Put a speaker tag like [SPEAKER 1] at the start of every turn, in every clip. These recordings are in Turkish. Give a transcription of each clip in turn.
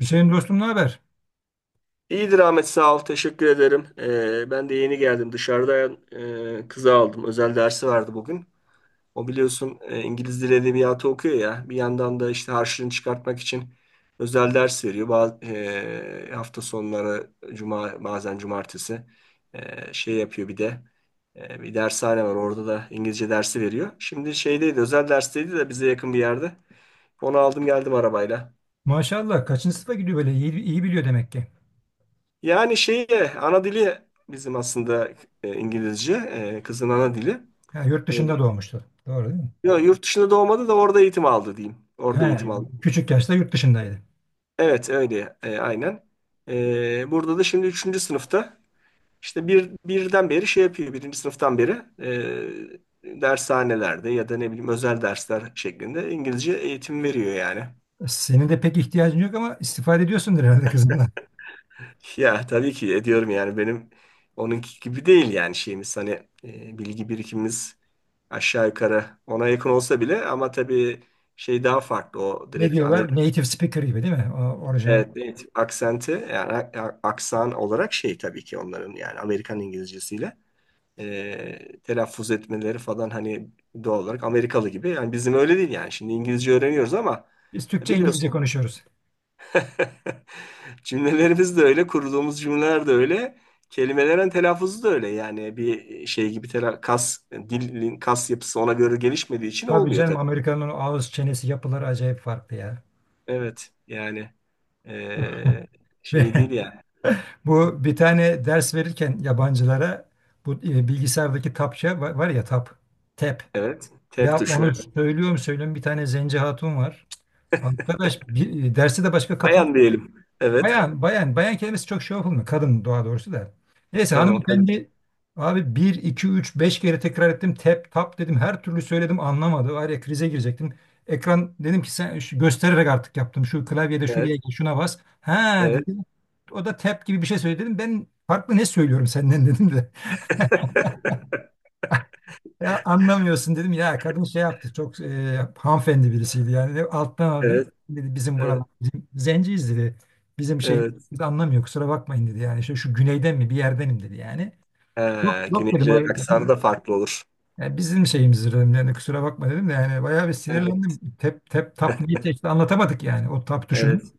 [SPEAKER 1] Hüseyin dostum ne haber?
[SPEAKER 2] İyidir Ahmet, sağ ol. Teşekkür ederim. Ben de yeni geldim. Dışarıdan kızı aldım. Özel dersi vardı bugün. O, biliyorsun, İngiliz Dili Edebiyatı okuyor ya. Bir yandan da işte harçlığını çıkartmak için özel ders veriyor. Hafta sonları cuma, bazen cumartesi şey yapıyor bir de. Bir dershane var. Orada da İngilizce dersi veriyor. Şimdi şeydeydi, özel dersteydi de bize yakın bir yerde. Onu aldım, geldim arabayla.
[SPEAKER 1] Maşallah kaçıncı sınıfa gidiyor böyle iyi biliyor demek ki.
[SPEAKER 2] Yani şeye ana dili bizim aslında İngilizce, kızın ana dili.
[SPEAKER 1] Ha, yurt
[SPEAKER 2] E,
[SPEAKER 1] dışında doğmuştu. Doğru değil mi?
[SPEAKER 2] yo, yurt dışında doğmadı da orada eğitim aldı diyeyim. Orada
[SPEAKER 1] Ha,
[SPEAKER 2] eğitim aldı.
[SPEAKER 1] küçük yaşta yurt dışındaydı.
[SPEAKER 2] Evet, öyle aynen. Burada da şimdi üçüncü sınıfta işte birden beri şey yapıyor. Birinci sınıftan beri dershanelerde ya da ne bileyim özel dersler şeklinde İngilizce eğitim veriyor yani.
[SPEAKER 1] Senin de pek ihtiyacın yok ama istifade ediyorsundur herhalde kızımla.
[SPEAKER 2] Ya tabii ki ediyorum, yani benim onunki gibi değil, yani şeyimiz hani bilgi birikimimiz aşağı yukarı ona yakın olsa bile, ama tabii şey daha farklı, o
[SPEAKER 1] Ne
[SPEAKER 2] direkt ana,
[SPEAKER 1] diyorlar? Native speaker gibi değil mi? O, orijinal.
[SPEAKER 2] evet, evet, aksenti yani aksan olarak şey, tabii ki onların yani Amerikan İngilizcesiyle telaffuz etmeleri falan, hani doğal olarak Amerikalı gibi, yani bizim öyle değil yani, şimdi İngilizce öğreniyoruz ama
[SPEAKER 1] Biz Türkçe İngilizce
[SPEAKER 2] biliyorsun.
[SPEAKER 1] konuşuyoruz.
[SPEAKER 2] Cümlelerimiz de öyle, kurduğumuz cümleler de öyle, kelimelerin telaffuzu da öyle. Yani bir şey gibi kas, dilin kas yapısı ona göre gelişmediği için
[SPEAKER 1] Tabii
[SPEAKER 2] olmuyor
[SPEAKER 1] canım
[SPEAKER 2] tabii.
[SPEAKER 1] Amerika'nın o ağız çenesi yapıları acayip farklı ya.
[SPEAKER 2] Evet, yani eee, şey
[SPEAKER 1] Ve
[SPEAKER 2] değil yani.
[SPEAKER 1] bu bir tane ders verirken yabancılara bu bilgisayardaki var ya tap, tap.
[SPEAKER 2] Evet, tep
[SPEAKER 1] Ya
[SPEAKER 2] tuşu.
[SPEAKER 1] onu söylüyorum söylüyorum bir tane zenci hatun var. Arkadaş derse de başka katılan
[SPEAKER 2] Bayan diyelim. Evet,
[SPEAKER 1] bayan kelimesi çok şey yapılmıyor. Kadın doğrusu da. Neyse
[SPEAKER 2] tamam. Kadın.
[SPEAKER 1] hanımefendi abi 1 2 3 5 kere tekrar ettim. Tep tap dedim. Her türlü söyledim anlamadı. Var ya krize girecektim. Ekran dedim ki göstererek artık yaptım. Şu klavyede şuraya
[SPEAKER 2] Evet,
[SPEAKER 1] gel, şuna bas. Ha
[SPEAKER 2] evet,
[SPEAKER 1] dedim. O da tap gibi bir şey söyledi dedim. Ben farklı ne söylüyorum senden dedim de. Ya anlamıyorsun dedim ya kadın şey yaptı çok hanımefendi birisiydi yani alttan aldı dedi
[SPEAKER 2] evet,
[SPEAKER 1] dedi, bizim buralar
[SPEAKER 2] evet,
[SPEAKER 1] bizim zenciyiz dedi bizim şeyimiz
[SPEAKER 2] evet.
[SPEAKER 1] biz anlamıyor kusura bakmayın dedi yani şu güneyden mi bir yerdenim dedi yani. Yok
[SPEAKER 2] Ha,
[SPEAKER 1] yok dedim o
[SPEAKER 2] Güneylilerin aksanı da farklı olur.
[SPEAKER 1] yani bizim şeyimizdir dedim yani kusura bakma dedim de yani bayağı bir
[SPEAKER 2] Evet,
[SPEAKER 1] sinirlendim tep niye çekti anlatamadık yani o tap tuşunun
[SPEAKER 2] evet.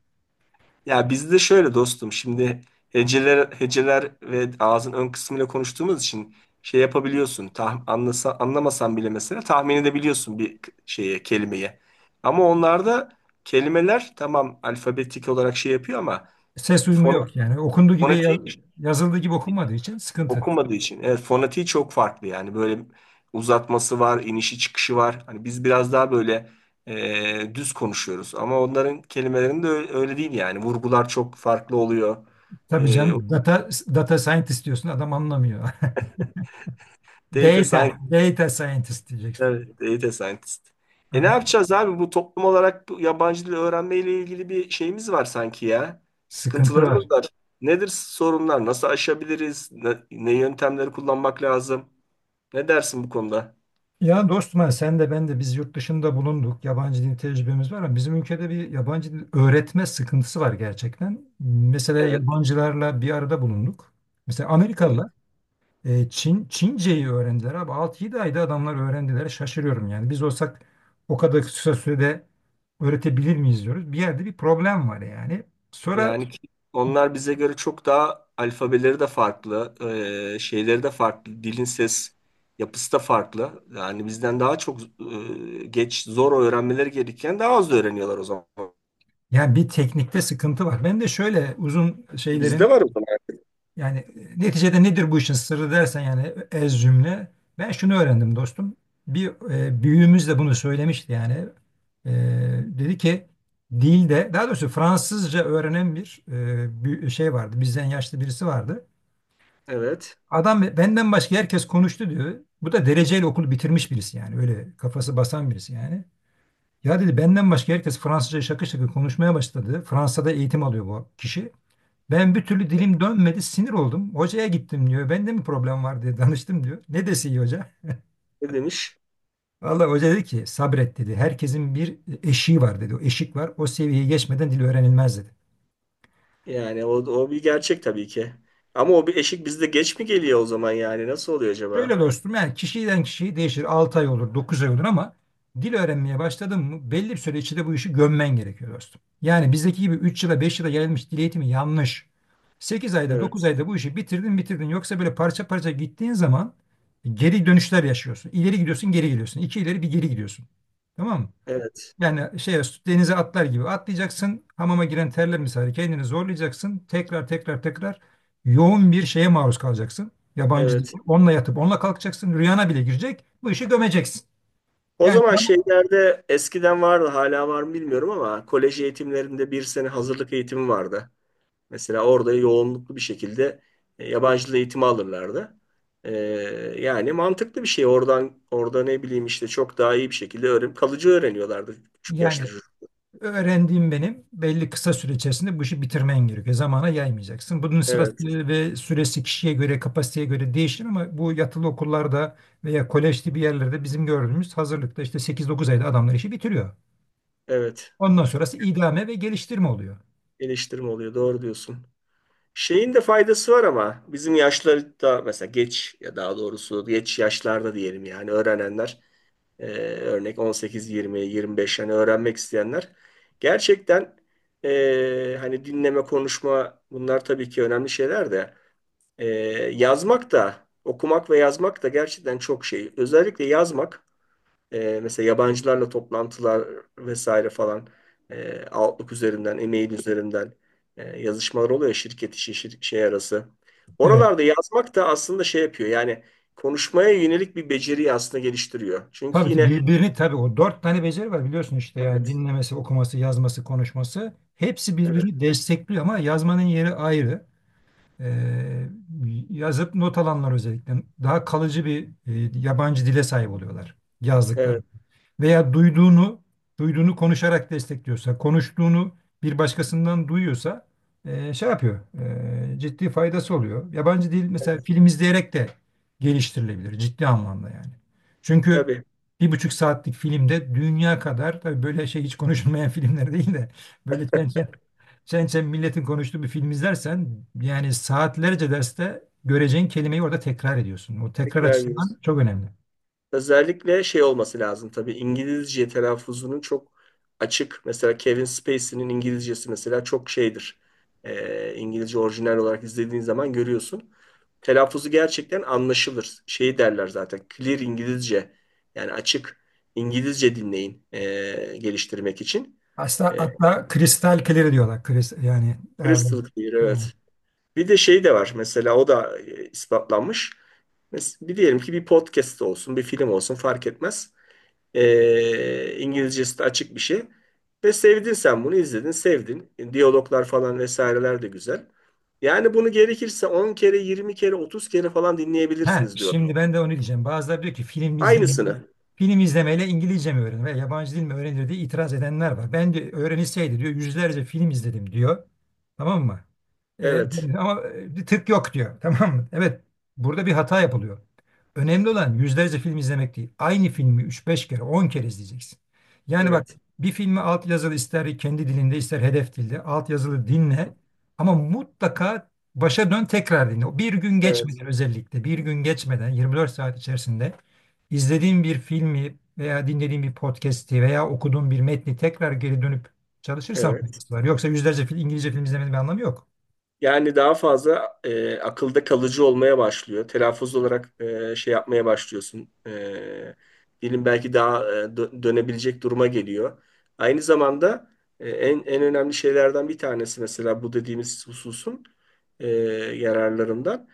[SPEAKER 2] Ya bizde şöyle dostum, şimdi heceler heceler ve ağzın ön kısmıyla konuştuğumuz için şey yapabiliyorsun. Anlamasan bile mesela tahmin edebiliyorsun bir şeye, kelimeye. Ama onlarda kelimeler tamam, alfabetik olarak şey yapıyor, ama
[SPEAKER 1] ses uyumu
[SPEAKER 2] fon,
[SPEAKER 1] yok yani
[SPEAKER 2] fonetiği
[SPEAKER 1] yazıldığı gibi okunmadığı için sıkıntı.
[SPEAKER 2] okunmadığı için. Evet, fonetiği çok farklı yani, böyle uzatması var, inişi çıkışı var. Hani biz biraz daha böyle düz konuşuyoruz ama onların kelimelerinde öyle, öyle değil yani. Vurgular çok farklı oluyor.
[SPEAKER 1] Tabii canım data scientist diyorsun adam anlamıyor.
[SPEAKER 2] Data scientist.
[SPEAKER 1] Data scientist diyeceksin.
[SPEAKER 2] Evet, data scientist. E, ne
[SPEAKER 1] Adam,
[SPEAKER 2] yapacağız abi? Bu toplum olarak bu yabancı dil öğrenmeyle ilgili bir şeyimiz var sanki ya.
[SPEAKER 1] sıkıntı
[SPEAKER 2] Sıkıntılarımız
[SPEAKER 1] var.
[SPEAKER 2] var. Nedir sorunlar? Nasıl aşabiliriz? Ne yöntemleri kullanmak lazım? Ne dersin bu konuda?
[SPEAKER 1] Ya dostum ha, sen de ben de biz yurt dışında bulunduk. Yabancı dil tecrübemiz var ama bizim ülkede bir yabancı dil öğretme sıkıntısı var gerçekten. Mesela
[SPEAKER 2] Evet,
[SPEAKER 1] yabancılarla bir arada bulunduk. Mesela
[SPEAKER 2] evet.
[SPEAKER 1] Amerikalılar Çince'yi öğrendiler abi. 6 yedi ayda adamlar öğrendiler. Şaşırıyorum yani. Biz olsak o kadar kısa sürede öğretebilir miyiz diyoruz. Bir yerde bir problem var yani. Sonra
[SPEAKER 2] Yani ki onlar bize göre çok daha alfabeleri de farklı, şeyleri de farklı, dilin ses yapısı da farklı. Yani bizden daha çok geç, zor öğrenmeleri gerekirken daha az öğreniyorlar o zaman.
[SPEAKER 1] yani bir teknikte sıkıntı var. Ben de şöyle uzun şeylerin.
[SPEAKER 2] Bizde var o zaman.
[SPEAKER 1] Yani neticede nedir bu işin sırrı dersen yani ez cümle. Ben şunu öğrendim dostum. Bir büyüğümüz de bunu söylemişti yani. E, Dedi ki dilde daha doğrusu Fransızca öğrenen bir şey vardı. Bizden yaşlı birisi vardı.
[SPEAKER 2] Evet.
[SPEAKER 1] Adam benden başka herkes konuştu diyor. Bu da dereceyle okulu bitirmiş birisi yani. Öyle kafası basan birisi yani. Ya dedi benden başka herkes Fransızca şakır şakır konuşmaya başladı. Fransa'da eğitim alıyor bu kişi. Ben bir türlü dilim dönmedi, sinir oldum. Hocaya gittim diyor. Bende mi problem var diye danıştım diyor. Ne dese iyi hoca?
[SPEAKER 2] Ne demiş?
[SPEAKER 1] Vallahi hoca dedi ki sabret dedi. Herkesin bir eşiği var dedi. O eşik var. O seviyeyi geçmeden dil öğrenilmez dedi.
[SPEAKER 2] Yani o bir gerçek tabii ki. Ama o bir eşik bizde geç mi geliyor o zaman yani? Nasıl oluyor acaba?
[SPEAKER 1] Şöyle dostum yani kişiden kişiye değişir. 6 ay olur, 9 ay olur ama dil öğrenmeye başladın mı belli bir süre içinde bu işi gömmen gerekiyor dostum. Yani bizdeki gibi 3 yıla 5 yıla yayılmış dil eğitimi yanlış. 8 ayda 9
[SPEAKER 2] Evet.
[SPEAKER 1] ayda bu işi bitirdin. Yoksa böyle parça parça gittiğin zaman geri dönüşler yaşıyorsun. İleri gidiyorsun geri gidiyorsun. İki ileri bir geri gidiyorsun. Tamam mı?
[SPEAKER 2] Evet.
[SPEAKER 1] Yani şey Denize atlar gibi atlayacaksın. Hamama giren terler misali kendini zorlayacaksın. Tekrar yoğun bir şeye maruz kalacaksın. Yabancı değil.
[SPEAKER 2] Evet.
[SPEAKER 1] Onunla yatıp onunla kalkacaksın. Rüyana bile girecek. Bu işi gömeceksin.
[SPEAKER 2] O
[SPEAKER 1] Yani
[SPEAKER 2] zaman
[SPEAKER 1] tamam,
[SPEAKER 2] şeylerde eskiden vardı, hala var mı bilmiyorum ama, kolej eğitimlerinde bir sene hazırlık eğitimi vardı. Mesela orada yoğunluklu bir şekilde yabancı dil eğitimi alırlardı. Ee, yani mantıklı bir şey. Orada ne bileyim, işte çok daha iyi bir şekilde öğren, kalıcı öğreniyorlardı küçük yaşta
[SPEAKER 1] Yani
[SPEAKER 2] çocuk.
[SPEAKER 1] öğrendiğim benim belli kısa süre içerisinde bu işi bitirmen gerekiyor. Zamana yaymayacaksın. Bunun sırası
[SPEAKER 2] Evet.
[SPEAKER 1] ve süresi kişiye göre, kapasiteye göre değişir ama bu yatılı okullarda veya kolej gibi yerlerde bizim gördüğümüz hazırlıkta işte 8-9 ayda adamlar işi bitiriyor.
[SPEAKER 2] Evet.
[SPEAKER 1] Ondan sonrası idame ve geliştirme oluyor.
[SPEAKER 2] Geliştirme oluyor. Doğru diyorsun. Şeyin de faydası var, ama bizim yaşlarda mesela geç, ya daha doğrusu geç yaşlarda diyelim yani, öğrenenler e, örnek 18, 20, 25, yani öğrenmek isteyenler gerçekten hani dinleme, konuşma, bunlar tabii ki önemli şeyler de e, yazmak da, okumak ve yazmak da gerçekten çok şey. Özellikle yazmak mesela yabancılarla toplantılar vesaire falan, Outlook üzerinden, e-mail üzerinden yazışmalar oluyor ya, şirket işi, şey arası.
[SPEAKER 1] Evet.
[SPEAKER 2] Oralarda yazmak da aslında şey yapıyor. Yani konuşmaya yönelik bir beceriyi aslında geliştiriyor. Çünkü
[SPEAKER 1] Tabii ki
[SPEAKER 2] yine
[SPEAKER 1] birbirini tabii o dört tane beceri var biliyorsun işte yani
[SPEAKER 2] evet,
[SPEAKER 1] dinlemesi, okuması, yazması, konuşması. Hepsi
[SPEAKER 2] evet,
[SPEAKER 1] birbirini destekliyor ama yazmanın yeri ayrı. Ee, Yazıp not alanlar özellikle daha kalıcı bir yabancı dile sahip oluyorlar yazdıkları.
[SPEAKER 2] evet,
[SPEAKER 1] Veya duyduğunu konuşarak destekliyorsa, konuştuğunu bir başkasından duyuyorsa şey yapıyor. Ciddi faydası oluyor. Yabancı dil mesela film izleyerek de geliştirilebilir ciddi anlamda yani. Çünkü
[SPEAKER 2] tabii.
[SPEAKER 1] bir buçuk saatlik filmde dünya kadar tabii böyle şey hiç konuşulmayan filmler değil de böyle çen çen milletin konuştuğu bir film izlersen yani saatlerce derste göreceğin kelimeyi orada tekrar ediyorsun. O tekrar
[SPEAKER 2] Tekrar ediyoruz.
[SPEAKER 1] açısından çok önemli.
[SPEAKER 2] Özellikle şey olması lazım tabii, İngilizce telaffuzunun çok açık. Mesela Kevin Spacey'nin İngilizcesi mesela çok şeydir. İngilizce orijinal olarak izlediğin zaman görüyorsun. Telaffuzu gerçekten anlaşılır. Şey derler zaten, clear İngilizce yani, açık İngilizce dinleyin, geliştirmek için.
[SPEAKER 1] Aslında
[SPEAKER 2] Ee,
[SPEAKER 1] hatta kristal kelleri diyorlar. Kris, yani abi.
[SPEAKER 2] crystal clear, evet. Bir de şey de var mesela, o da ispatlanmış. Bir diyelim ki bir podcast olsun, bir film olsun, fark etmez. İngilizcesi de açık bir şey. Ve sevdin, sen bunu izledin, sevdin. Diyaloglar falan vesaireler de güzel. Yani bunu gerekirse 10 kere, 20 kere, 30 kere falan
[SPEAKER 1] Ha,
[SPEAKER 2] dinleyebilirsiniz diyor.
[SPEAKER 1] şimdi ben de onu diyeceğim. Bazıları diyor ki
[SPEAKER 2] Aynısını.
[SPEAKER 1] film izlemeyle İngilizce mi öğrenir veya yabancı dil mi öğrenir diye itiraz edenler var. Ben de öğrenilseydi diyor yüzlerce film izledim diyor. Tamam mı? Ee,
[SPEAKER 2] Evet,
[SPEAKER 1] ama bir tık yok diyor. Tamam mı? Evet, burada bir hata yapılıyor. Önemli olan yüzlerce film izlemek değil. Aynı filmi 3 5 kere 10 kere izleyeceksin. Yani bak
[SPEAKER 2] evet,
[SPEAKER 1] bir filmi altyazılı ister kendi dilinde ister hedef dilde altyazılı dinle ama mutlaka başa dön tekrar dinle. Bir gün
[SPEAKER 2] evet,
[SPEAKER 1] geçmeden özellikle bir gün geçmeden 24 saat içerisinde izlediğin bir filmi veya dinlediğin bir podcast'i veya okuduğun bir metni tekrar geri dönüp çalışırsan
[SPEAKER 2] evet.
[SPEAKER 1] faydası var. Yoksa İngilizce film izlemenin bir anlamı yok.
[SPEAKER 2] Yani daha fazla akılda kalıcı olmaya başlıyor. Telaffuz olarak şey yapmaya başlıyorsun. Dilin belki daha dönebilecek duruma geliyor. Aynı zamanda en önemli şeylerden bir tanesi mesela bu dediğimiz hususun e, yararlarından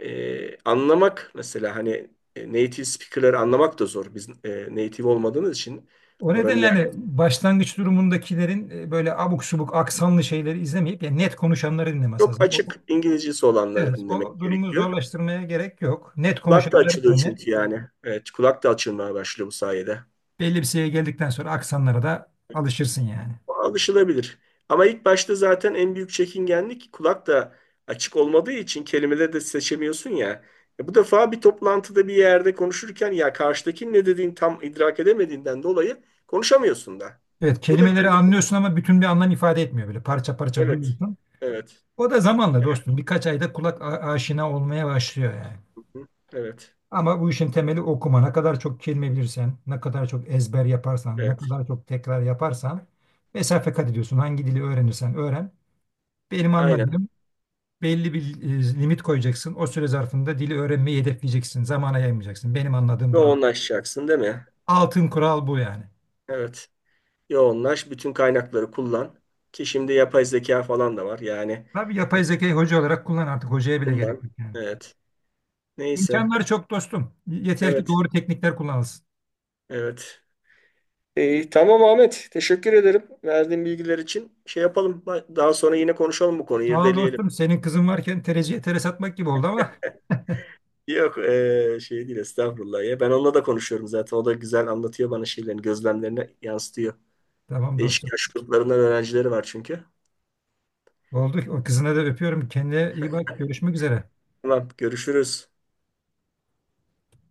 [SPEAKER 2] anlamak mesela, hani native speaker'ları anlamak da zor. Biz native olmadığımız için
[SPEAKER 1] O
[SPEAKER 2] oranın
[SPEAKER 1] nedenle
[SPEAKER 2] yer
[SPEAKER 1] hani başlangıç durumundakilerin böyle abuk subuk aksanlı şeyleri izlemeyip yani net konuşanları dinlemesi
[SPEAKER 2] çok
[SPEAKER 1] lazım.
[SPEAKER 2] açık İngilizcesi olanları
[SPEAKER 1] Evet,
[SPEAKER 2] dinlemek
[SPEAKER 1] o durumu
[SPEAKER 2] gerekiyor.
[SPEAKER 1] zorlaştırmaya gerek yok. Net
[SPEAKER 2] Kulak da
[SPEAKER 1] konuşanları
[SPEAKER 2] açılıyor
[SPEAKER 1] dinle.
[SPEAKER 2] çünkü yani. Evet, kulak da açılmaya başlıyor bu sayede.
[SPEAKER 1] Belli bir seviyeye geldikten sonra aksanlara da alışırsın yani.
[SPEAKER 2] O alışılabilir. Ama ilk başta zaten en büyük çekingenlik, kulak da açık olmadığı için kelimeleri de seçemiyorsun ya. E, bu defa bir toplantıda bir yerde konuşurken ya karşıdakinin ne dediğini tam idrak edemediğinden dolayı konuşamıyorsun da.
[SPEAKER 1] Evet,
[SPEAKER 2] Bu da bir
[SPEAKER 1] kelimeleri
[SPEAKER 2] engel.
[SPEAKER 1] anlıyorsun ama bütün bir anlam ifade etmiyor böyle parça parça
[SPEAKER 2] Evet.
[SPEAKER 1] duyuyorsun.
[SPEAKER 2] Evet.
[SPEAKER 1] O da zamanla dostum birkaç ayda aşina olmaya başlıyor yani.
[SPEAKER 2] Hı. Evet.
[SPEAKER 1] Ama bu işin temeli okuma. Ne kadar çok kelime bilirsen, ne kadar çok ezber yaparsan, ne
[SPEAKER 2] Evet.
[SPEAKER 1] kadar çok tekrar yaparsan mesafe kat ediyorsun. Hangi dili öğrenirsen öğren. Benim
[SPEAKER 2] Aynen.
[SPEAKER 1] anladığım belli bir limit koyacaksın. O süre zarfında dili öğrenmeyi hedefleyeceksin. Zamana yaymayacaksın. Benim anladığım
[SPEAKER 2] Ve
[SPEAKER 1] budur.
[SPEAKER 2] yoğunlaşacaksın değil mi?
[SPEAKER 1] Altın kural bu yani.
[SPEAKER 2] Evet. Yoğunlaş, bütün kaynakları kullan. Ki şimdi yapay zeka falan da var. Yani
[SPEAKER 1] Tabii
[SPEAKER 2] e,
[SPEAKER 1] yapay zekayı hoca olarak kullan artık. Hocaya bile gerek
[SPEAKER 2] kullan.
[SPEAKER 1] yok yani.
[SPEAKER 2] Evet. Neyse.
[SPEAKER 1] İmkanları çok dostum. Yeter ki
[SPEAKER 2] Evet.
[SPEAKER 1] doğru teknikler kullanılsın.
[SPEAKER 2] Evet. İyi, tamam Ahmet. Teşekkür ederim verdiğin bilgiler için. Şey yapalım. Daha sonra yine konuşalım bu konuyu,
[SPEAKER 1] Sağ ol
[SPEAKER 2] irdeleyelim.
[SPEAKER 1] dostum. Senin kızın varken tereciye tere satmak gibi oldu ama.
[SPEAKER 2] Yok, şey değil, estağfurullah ya. Ben onunla da konuşuyorum zaten. O da güzel anlatıyor bana, şeylerini, gözlemlerini yansıtıyor.
[SPEAKER 1] Tamam dostum.
[SPEAKER 2] Değişik yaş gruplarından öğrencileri var çünkü.
[SPEAKER 1] Oldu. O kızına da öpüyorum. Kendine iyi bak. Görüşmek üzere.
[SPEAKER 2] Tamam, görüşürüz.